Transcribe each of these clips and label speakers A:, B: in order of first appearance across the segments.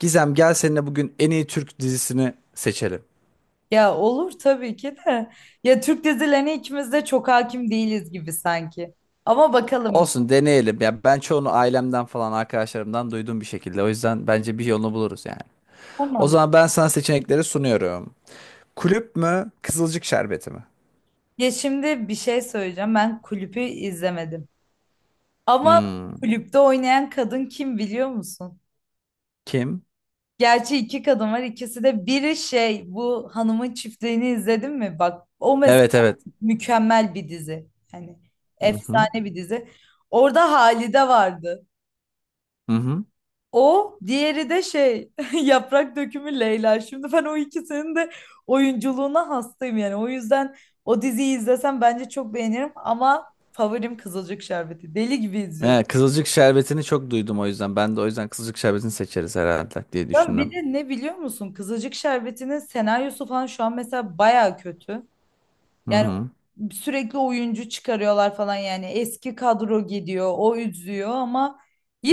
A: Gizem, gel seninle bugün en iyi Türk dizisini seçelim.
B: Ya olur tabii ki de. Ya Türk dizilerine ikimiz de çok hakim değiliz gibi sanki. Ama bakalım.
A: Olsun, deneyelim. Ya ben çoğunu ailemden falan arkadaşlarımdan duyduğum bir şekilde. O yüzden bence bir yolunu buluruz yani. O
B: Tamam.
A: zaman ben sana seçenekleri sunuyorum. Kulüp mü, Kızılcık Şerbeti mi?
B: Ya şimdi bir şey söyleyeceğim. Ben kulüpü izlemedim. Ama
A: Hmm.
B: kulüpte oynayan kadın kim biliyor musun?
A: Kim?
B: Gerçi iki kadın var. İkisi de biri şey bu hanımın çiftliğini izledin mi? Bak o mesela
A: Evet, evet.
B: mükemmel bir dizi. Hani
A: Hı hı.
B: efsane bir dizi. Orada Halide vardı.
A: Hı hı.
B: O, diğeri de şey yaprak dökümü Leyla. Şimdi ben o ikisinin de oyunculuğuna hastayım yani. O yüzden o diziyi izlesem bence çok beğenirim ama favorim Kızılcık Şerbeti. Deli gibi izliyorum.
A: Evet, Kızılcık Şerbeti'ni çok duydum o yüzden. Ben de o yüzden Kızılcık Şerbeti'ni seçeriz herhalde diye
B: Ben
A: düşündüm.
B: bir de ne biliyor musun? Kızılcık Şerbeti'nin senaryosu falan şu an mesela baya kötü.
A: Hı
B: Yani
A: hı.
B: sürekli oyuncu çıkarıyorlar falan yani. Eski kadro gidiyor, o üzüyor ama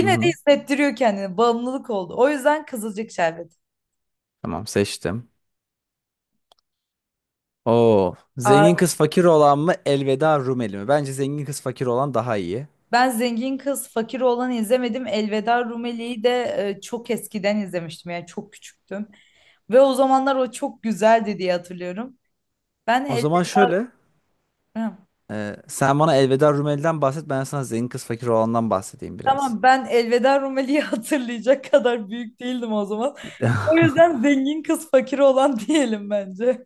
A: Hı
B: de
A: hı.
B: hissettiriyor kendini. Bağımlılık oldu. O yüzden Kızılcık Şerbeti.
A: Tamam, seçtim. Oo. Zengin kız fakir olan mı, Elveda Rumeli mi? Bence zengin kız fakir olan daha iyi.
B: Ben Zengin Kız Fakir Oğlan'ı izlemedim. Elveda Rumeli'yi de çok eskiden izlemiştim. Yani çok küçüktüm. Ve o zamanlar o çok güzeldi diye hatırlıyorum. Ben
A: O
B: el...
A: zaman şöyle.
B: Hı.
A: Sen bana Elveda Rumeli'den bahset. Ben sana zengin kız fakir olandan bahsedeyim biraz.
B: Tamam ben Elveda Rumeli'yi hatırlayacak kadar büyük değildim o zaman. O yüzden Zengin Kız Fakir Oğlan diyelim bence.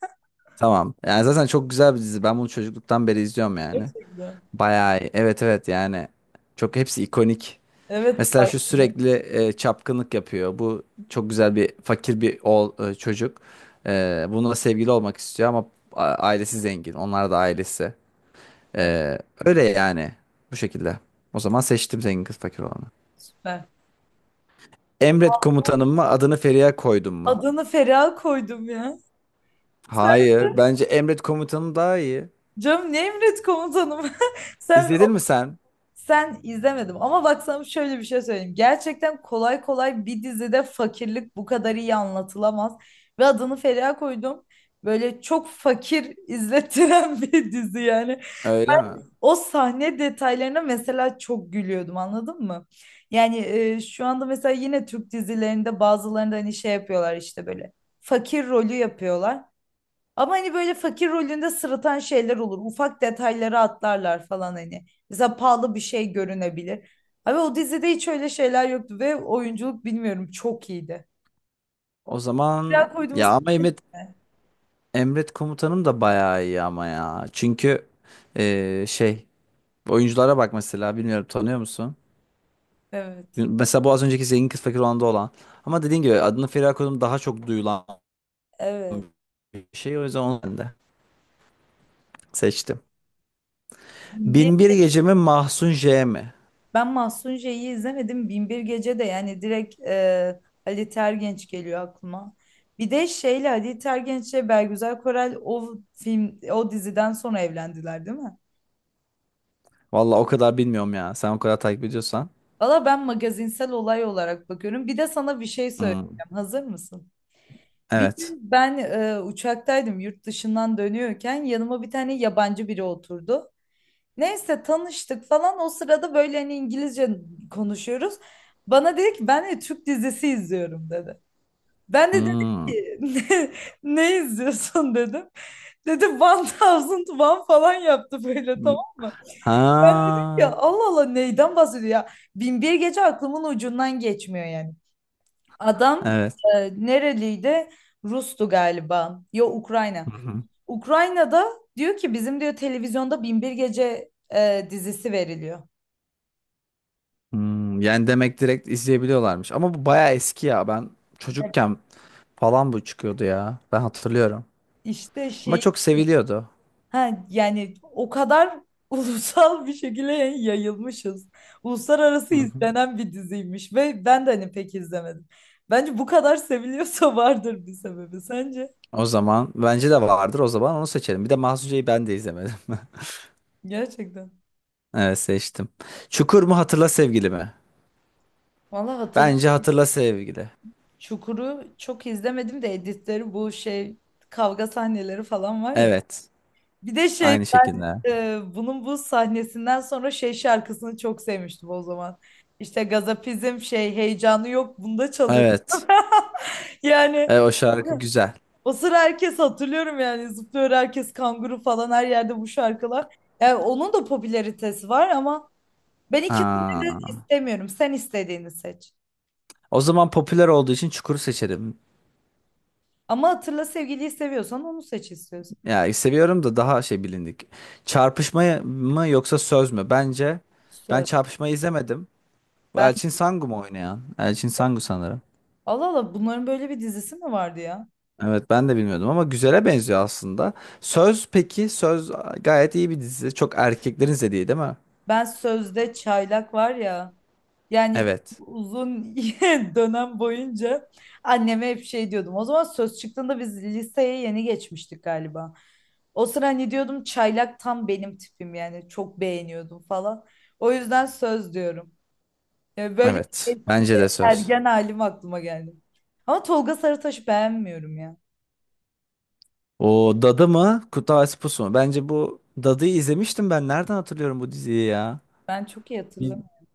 A: Tamam. Yani zaten çok güzel bir dizi. Ben bunu çocukluktan beri izliyorum yani.
B: Gerçekten.
A: Bayağı iyi. Evet, evet yani. Çok hepsi ikonik.
B: Evet
A: Mesela şu
B: farkında.
A: sürekli çapkınlık yapıyor. Bu çok güzel bir fakir bir oğul, çocuk. Bununla sevgili olmak istiyor ama ailesi zengin. Onlar da ailesi.
B: Evet,
A: Ee, Öyle yani. Bu şekilde. O zaman seçtim zengin kız fakir olanı.
B: süper.
A: Emret Komutanım mı, adını Feriha Koydum mu?
B: Adını Feriha koydum ya.
A: Hayır. Bence Emret Komutanım daha iyi.
B: Canım ne emret komutanım. Sen
A: İzledin mi sen?
B: Sen izlemedim ama bak sana şöyle bir şey söyleyeyim. Gerçekten kolay kolay bir dizide fakirlik bu kadar iyi anlatılamaz. Ve adını Feriha koydum. Böyle çok fakir izlettiren bir dizi yani.
A: Öyle mi?
B: O sahne detaylarına mesela çok gülüyordum anladın mı? Yani şu anda mesela yine Türk dizilerinde bazılarında hani şey yapıyorlar işte böyle fakir rolü yapıyorlar. Ama hani böyle fakir rolünde sırıtan şeyler olur. Ufak detayları atlarlar falan hani. Mesela pahalı bir şey görünebilir. Abi o dizide hiç öyle şeyler yoktu ve oyunculuk bilmiyorum çok iyiydi.
A: O
B: Biraz
A: zaman
B: koyduğumuz.
A: ya ama Emret, Emret Komutanım da bayağı iyi ama ya. Çünkü ee, şey oyunculara bak mesela, bilmiyorum, tanıyor musun?
B: Evet.
A: Mesela bu az önceki zengin kız fakir olanda olan. Ama dediğin gibi adını Feriha Koydum daha çok duyulan
B: Evet.
A: bir şey. O yüzden onu ben de seçtim.
B: Bir,
A: Binbir Gece mi, Mahsun J mi?
B: ben Mahsun J'yi izlemedim. Binbir Gece de yani direkt Ali Tergenç geliyor aklıma. Bir de şeyle Ali Tergenç'le Belgüzel Korel o film o diziden sonra evlendiler değil mi?
A: Vallahi o kadar bilmiyorum ya. Sen o kadar takip ediyorsan.
B: Valla ben magazinsel olay olarak bakıyorum. Bir de sana bir şey
A: Hmm.
B: söyleyeceğim. Hazır mısın? Bir
A: Evet.
B: gün ben uçaktaydım yurt dışından dönüyorken yanıma bir tane yabancı biri oturdu. Neyse tanıştık falan o sırada böyle hani İngilizce konuşuyoruz. Bana dedi ki ben de Türk dizisi izliyorum dedi. Ben de dedim
A: Hmm.
B: ki ne izliyorsun dedim. Dedi 1001 falan yaptı böyle
A: Hmm.
B: tamam mı? Ben dedim
A: Ha.
B: ya Allah Allah neyden bahsediyor ya? Bin bir gece aklımın ucundan geçmiyor yani. Adam
A: Evet.
B: nereliydi? Rus'tu galiba. Yo, Ukrayna.
A: Hı hı.
B: Ukrayna'da diyor ki bizim diyor televizyonda Bin bir Gece dizisi veriliyor.
A: Hmm. Yani demek direkt izleyebiliyorlarmış. Ama bu bayağı eski ya. Ben çocukken falan bu çıkıyordu ya. Ben hatırlıyorum.
B: İşte
A: Ama
B: şey
A: çok seviliyordu.
B: ha, yani o kadar ulusal bir şekilde yayılmışız. Uluslararası
A: Hı hı.
B: izlenen bir diziymiş ve ben de hani pek izlemedim. Bence bu kadar seviliyorsa vardır bir sebebi sence?
A: O zaman bence de vardır. O zaman onu seçelim. Bir de Mahsun J'yi ben de izlemedim.
B: Gerçekten.
A: Evet, seçtim. Çukur mu, Hatırla Sevgili mi?
B: Valla hatırlıyorum.
A: Bence Hatırla Sevgili.
B: Çukur'u çok izlemedim de editleri bu şey kavga sahneleri falan var ya.
A: Evet.
B: Bir de şey
A: Aynı şekilde.
B: bunun bu sahnesinden sonra şey şarkısını çok sevmiştim o zaman. İşte gazapizm şey heyecanı yok bunda çalıyor.
A: Evet.
B: Yani
A: E, o şarkı güzel.
B: o sıra herkes hatırlıyorum yani zıplıyor herkes kanguru falan her yerde bu şarkılar. Yani onun da popülaritesi var ama ben ikisini de
A: Aa.
B: istemiyorum. Sen istediğini seç.
A: O zaman popüler olduğu için Çukur'u seçerim.
B: Ama hatırla sevgiliyi seviyorsan onu seç istiyorsan.
A: Yani seviyorum da daha şey bilindik. Çarpışma mı yoksa Söz mü? Bence ben
B: Söz.
A: Çarpışma'yı izlemedim. Bu
B: Ben
A: Elçin Sangu mu oynayan? Elçin Sangu sanırım.
B: Allah Allah bunların böyle bir dizisi mi vardı ya?
A: Evet, ben de bilmiyordum ama güzele benziyor aslında. Söz, peki Söz gayet iyi bir dizi. Çok erkeklerin izlediği değil mi?
B: Ben Sözde Çaylak var ya. Yani çok
A: Evet.
B: uzun dönem boyunca anneme hep şey diyordum. O zaman söz çıktığında biz liseye yeni geçmiştik galiba. O sıra hani diyordum çaylak tam benim tipim yani çok beğeniyordum falan. O yüzden söz diyorum. Yani böyle
A: Evet. Bence de Söz.
B: ergen halim aklıma geldi. Ama Tolga Sarıtaş'ı beğenmiyorum ya.
A: O Dadı mı, Kurtlar Vadisi Pusu mu? Bence bu Dadı'yı izlemiştim ben. Nereden hatırlıyorum bu diziyi ya?
B: Ben çok iyi
A: Bir
B: hatırlamıyorum.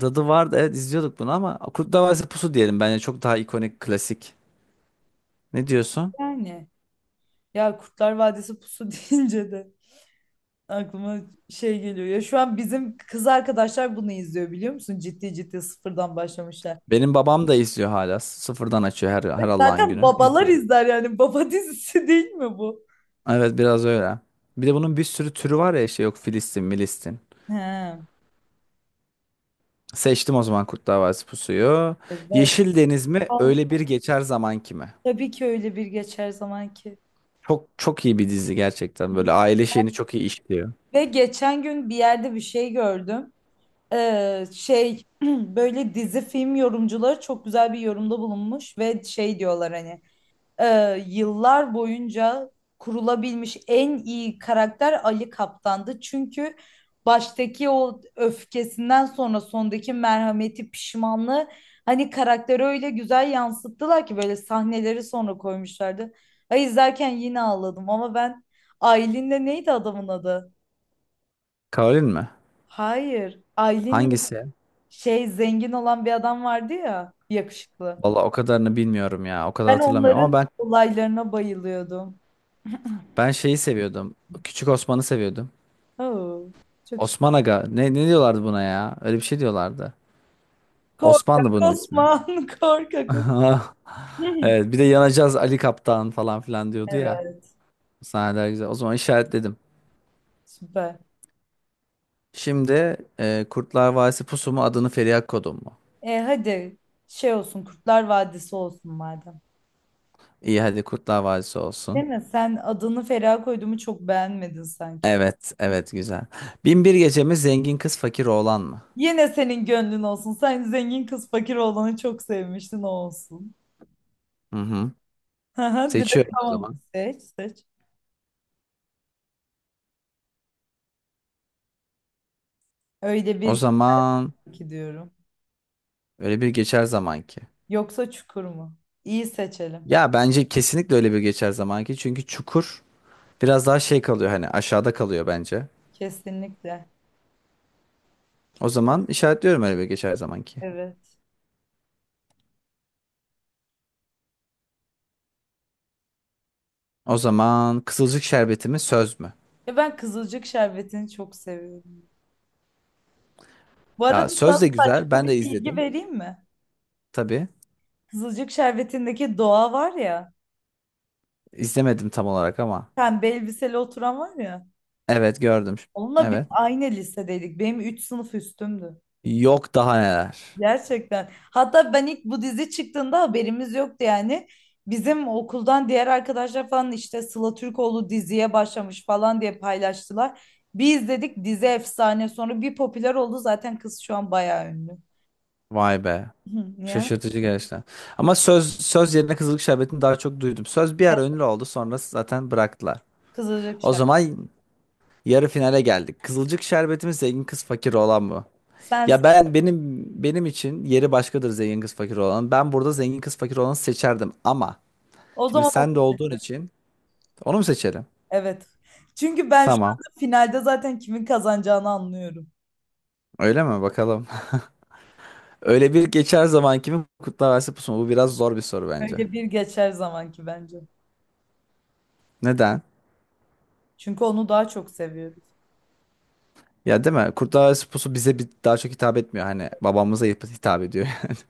A: dadı vardı, evet izliyorduk bunu, ama Kurtlar Vadisi Pusu diyelim, bence çok daha ikonik, klasik. Ne diyorsun?
B: Yani. Ya Kurtlar Vadisi pusu deyince de aklıma şey geliyor. Ya şu an bizim kız arkadaşlar bunu izliyor biliyor musun? Ciddi ciddi sıfırdan başlamışlar.
A: Benim babam da izliyor hala. Sıfırdan açıyor
B: Ve
A: her Allah'ın
B: zaten
A: günü.
B: babalar
A: İzliyor.
B: izler yani. Baba dizisi değil mi bu?
A: Evet, biraz öyle. Bir de bunun bir sürü türü var ya, işte yok Filistin, Milistin.
B: He,
A: Seçtim o zaman Kurtlar Vadisi Pusu'yu.
B: evet.
A: Yeşil Deniz mi?
B: Al-
A: Öyle Bir Geçer Zaman kimi?
B: tabii ki öyle bir geçer zaman ki.
A: Çok çok iyi bir dizi gerçekten. Böyle aile şeyini çok iyi işliyor.
B: Ve geçen gün bir yerde bir şey gördüm. Şey böyle dizi film yorumcuları çok güzel bir yorumda bulunmuş ve şey diyorlar hani. Yıllar boyunca kurulabilmiş en iyi karakter Ali Kaptan'dı. Çünkü baştaki o öfkesinden sonra sondaki merhameti, pişmanlığı hani karakteri öyle güzel yansıttılar ki böyle sahneleri sonra koymuşlardı. Ay izlerken yine ağladım ama ben Aylin'le neydi adamın adı?
A: Karolin mi?
B: Hayır. Aylin'le
A: Hangisi?
B: şey zengin olan bir adam vardı ya yakışıklı.
A: Valla o kadarını bilmiyorum ya. O kadar
B: Ben
A: hatırlamıyorum ama
B: onların
A: ben,
B: olaylarına bayılıyordum.
A: ben şeyi seviyordum. Küçük Osman'ı seviyordum.
B: Oo, çok şey.
A: Osman Aga. Ne, ne diyorlardı buna ya? Öyle bir şey diyorlardı.
B: Korkak
A: Osman'dı bunun ismi.
B: Osman, korkak. Osman.
A: Evet, bir de yanacağız Ali Kaptan falan filan diyordu ya.
B: Evet,
A: Sahneler güzel. O zaman işaretledim.
B: süper.
A: Şimdi Kurtlar Vadisi Pusu mu, adını Feriha Kodum mu?
B: Hadi şey olsun, Kurtlar Vadisi olsun madem.
A: İyi, hadi Kurtlar Vadisi olsun.
B: Değil mi? Sen adını Feriha koyduğumu çok beğenmedin sanki.
A: Evet, evet güzel. Bin Bir Gece mi, zengin kız fakir oğlan mı?
B: Yine senin gönlün olsun. Sen zengin kız fakir olanı çok sevmiştin o olsun.
A: Hı hı.
B: Haha, direkt
A: Seçiyorum o
B: tamam.
A: zaman.
B: Seç, seç. Öyle
A: O
B: bir
A: zaman
B: ki diyorum.
A: öyle bir geçer zaman ki.
B: Yoksa Çukur mu? İyi seçelim.
A: Ya bence kesinlikle Öyle Bir Geçer zamanki. Çünkü Çukur biraz daha şey kalıyor, hani aşağıda kalıyor bence.
B: Kesinlikle.
A: O zaman işaretliyorum Öyle Bir Geçer zamanki.
B: Evet.
A: O zaman Kızılcık Şerbeti mi, Söz mü?
B: Ya ben Kızılcık Şerbeti'ni çok seviyorum. Bu
A: Ya
B: arada sana
A: Söz de güzel.
B: saçma
A: Ben
B: bir
A: de
B: bilgi
A: izledim.
B: vereyim mi?
A: Tabii.
B: Kızılcık Şerbeti'ndeki Doğa var ya,
A: İzlemedim tam olarak ama.
B: pembe elbiseli oturan var ya.
A: Evet, gördüm.
B: Onunla biz
A: Evet.
B: aynı lisedeydik. Benim 3 sınıf üstümdü.
A: Yok daha neler.
B: Gerçekten. Hatta ben ilk bu dizi çıktığında haberimiz yoktu yani. Bizim okuldan diğer arkadaşlar falan işte Sıla Türkoğlu diziye başlamış falan diye paylaştılar. Bir izledik dizi efsane. Sonra bir popüler oldu zaten kız şu an bayağı ünlü.
A: Vay be.
B: Ya.
A: Şaşırtıcı gerçekten. Ama söz, söz yerine Kızılcık Şerbeti'ni daha çok duydum. Söz bir
B: Evet,
A: ara ünlü oldu, sonra zaten bıraktılar.
B: Kızılcık
A: O
B: Şerbeti.
A: zaman yarı finale geldik. Kızılcık Şerbeti mi, zengin kız fakir olan mı? Ya
B: Sensin.
A: ben, benim için yeri başkadır zengin kız fakir olan. Ben burada zengin kız fakir olanı seçerdim ama
B: O
A: şimdi
B: zaman
A: sen de olduğun için onu mu seçelim?
B: evet. Çünkü ben şu
A: Tamam.
B: anda finalde zaten kimin kazanacağını anlıyorum.
A: Öyle mi? Bakalım. Öyle Bir Geçer Zaman kimin Kurtlar Vadisi Pusu mu? Bu biraz zor bir soru bence.
B: Öyle bir geçer zamanki bence.
A: Neden?
B: Çünkü onu daha çok seviyoruz.
A: Ya değil mi? Kurtlar Vadisi Pusu bize bir daha çok hitap etmiyor. Hani babamıza hitap ediyor.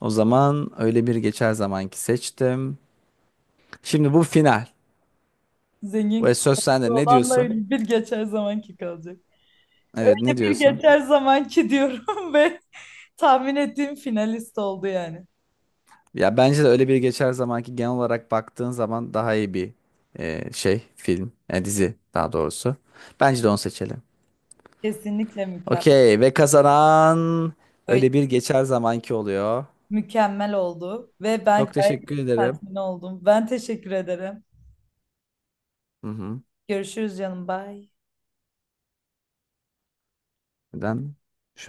A: O zaman Öyle Bir Geçer zamanki seçtim. Şimdi bu final.
B: Zengin
A: Ve söz
B: kızı
A: sende. Ne
B: olanla
A: diyorsun?
B: öyle bir geçer zamanki kalacak.
A: Evet,
B: Öyle
A: ne
B: bir
A: diyorsun?
B: geçer zamanki diyorum ve tahmin ettiğim finalist oldu yani.
A: Ya bence de Öyle Bir Geçer zamanki genel olarak baktığın zaman daha iyi bir film, dizi daha doğrusu. Bence de onu seçelim.
B: Kesinlikle mükemmel.
A: Okey, ve kazanan
B: Öyle
A: Öyle Bir Geçer zamanki oluyor.
B: mükemmel oldu ve ben
A: Çok
B: gayet
A: teşekkür ederim.
B: tatmin oldum. Ben teşekkür ederim.
A: Hı hı.
B: Görüşürüz canım. Bye.
A: Neden? Şu an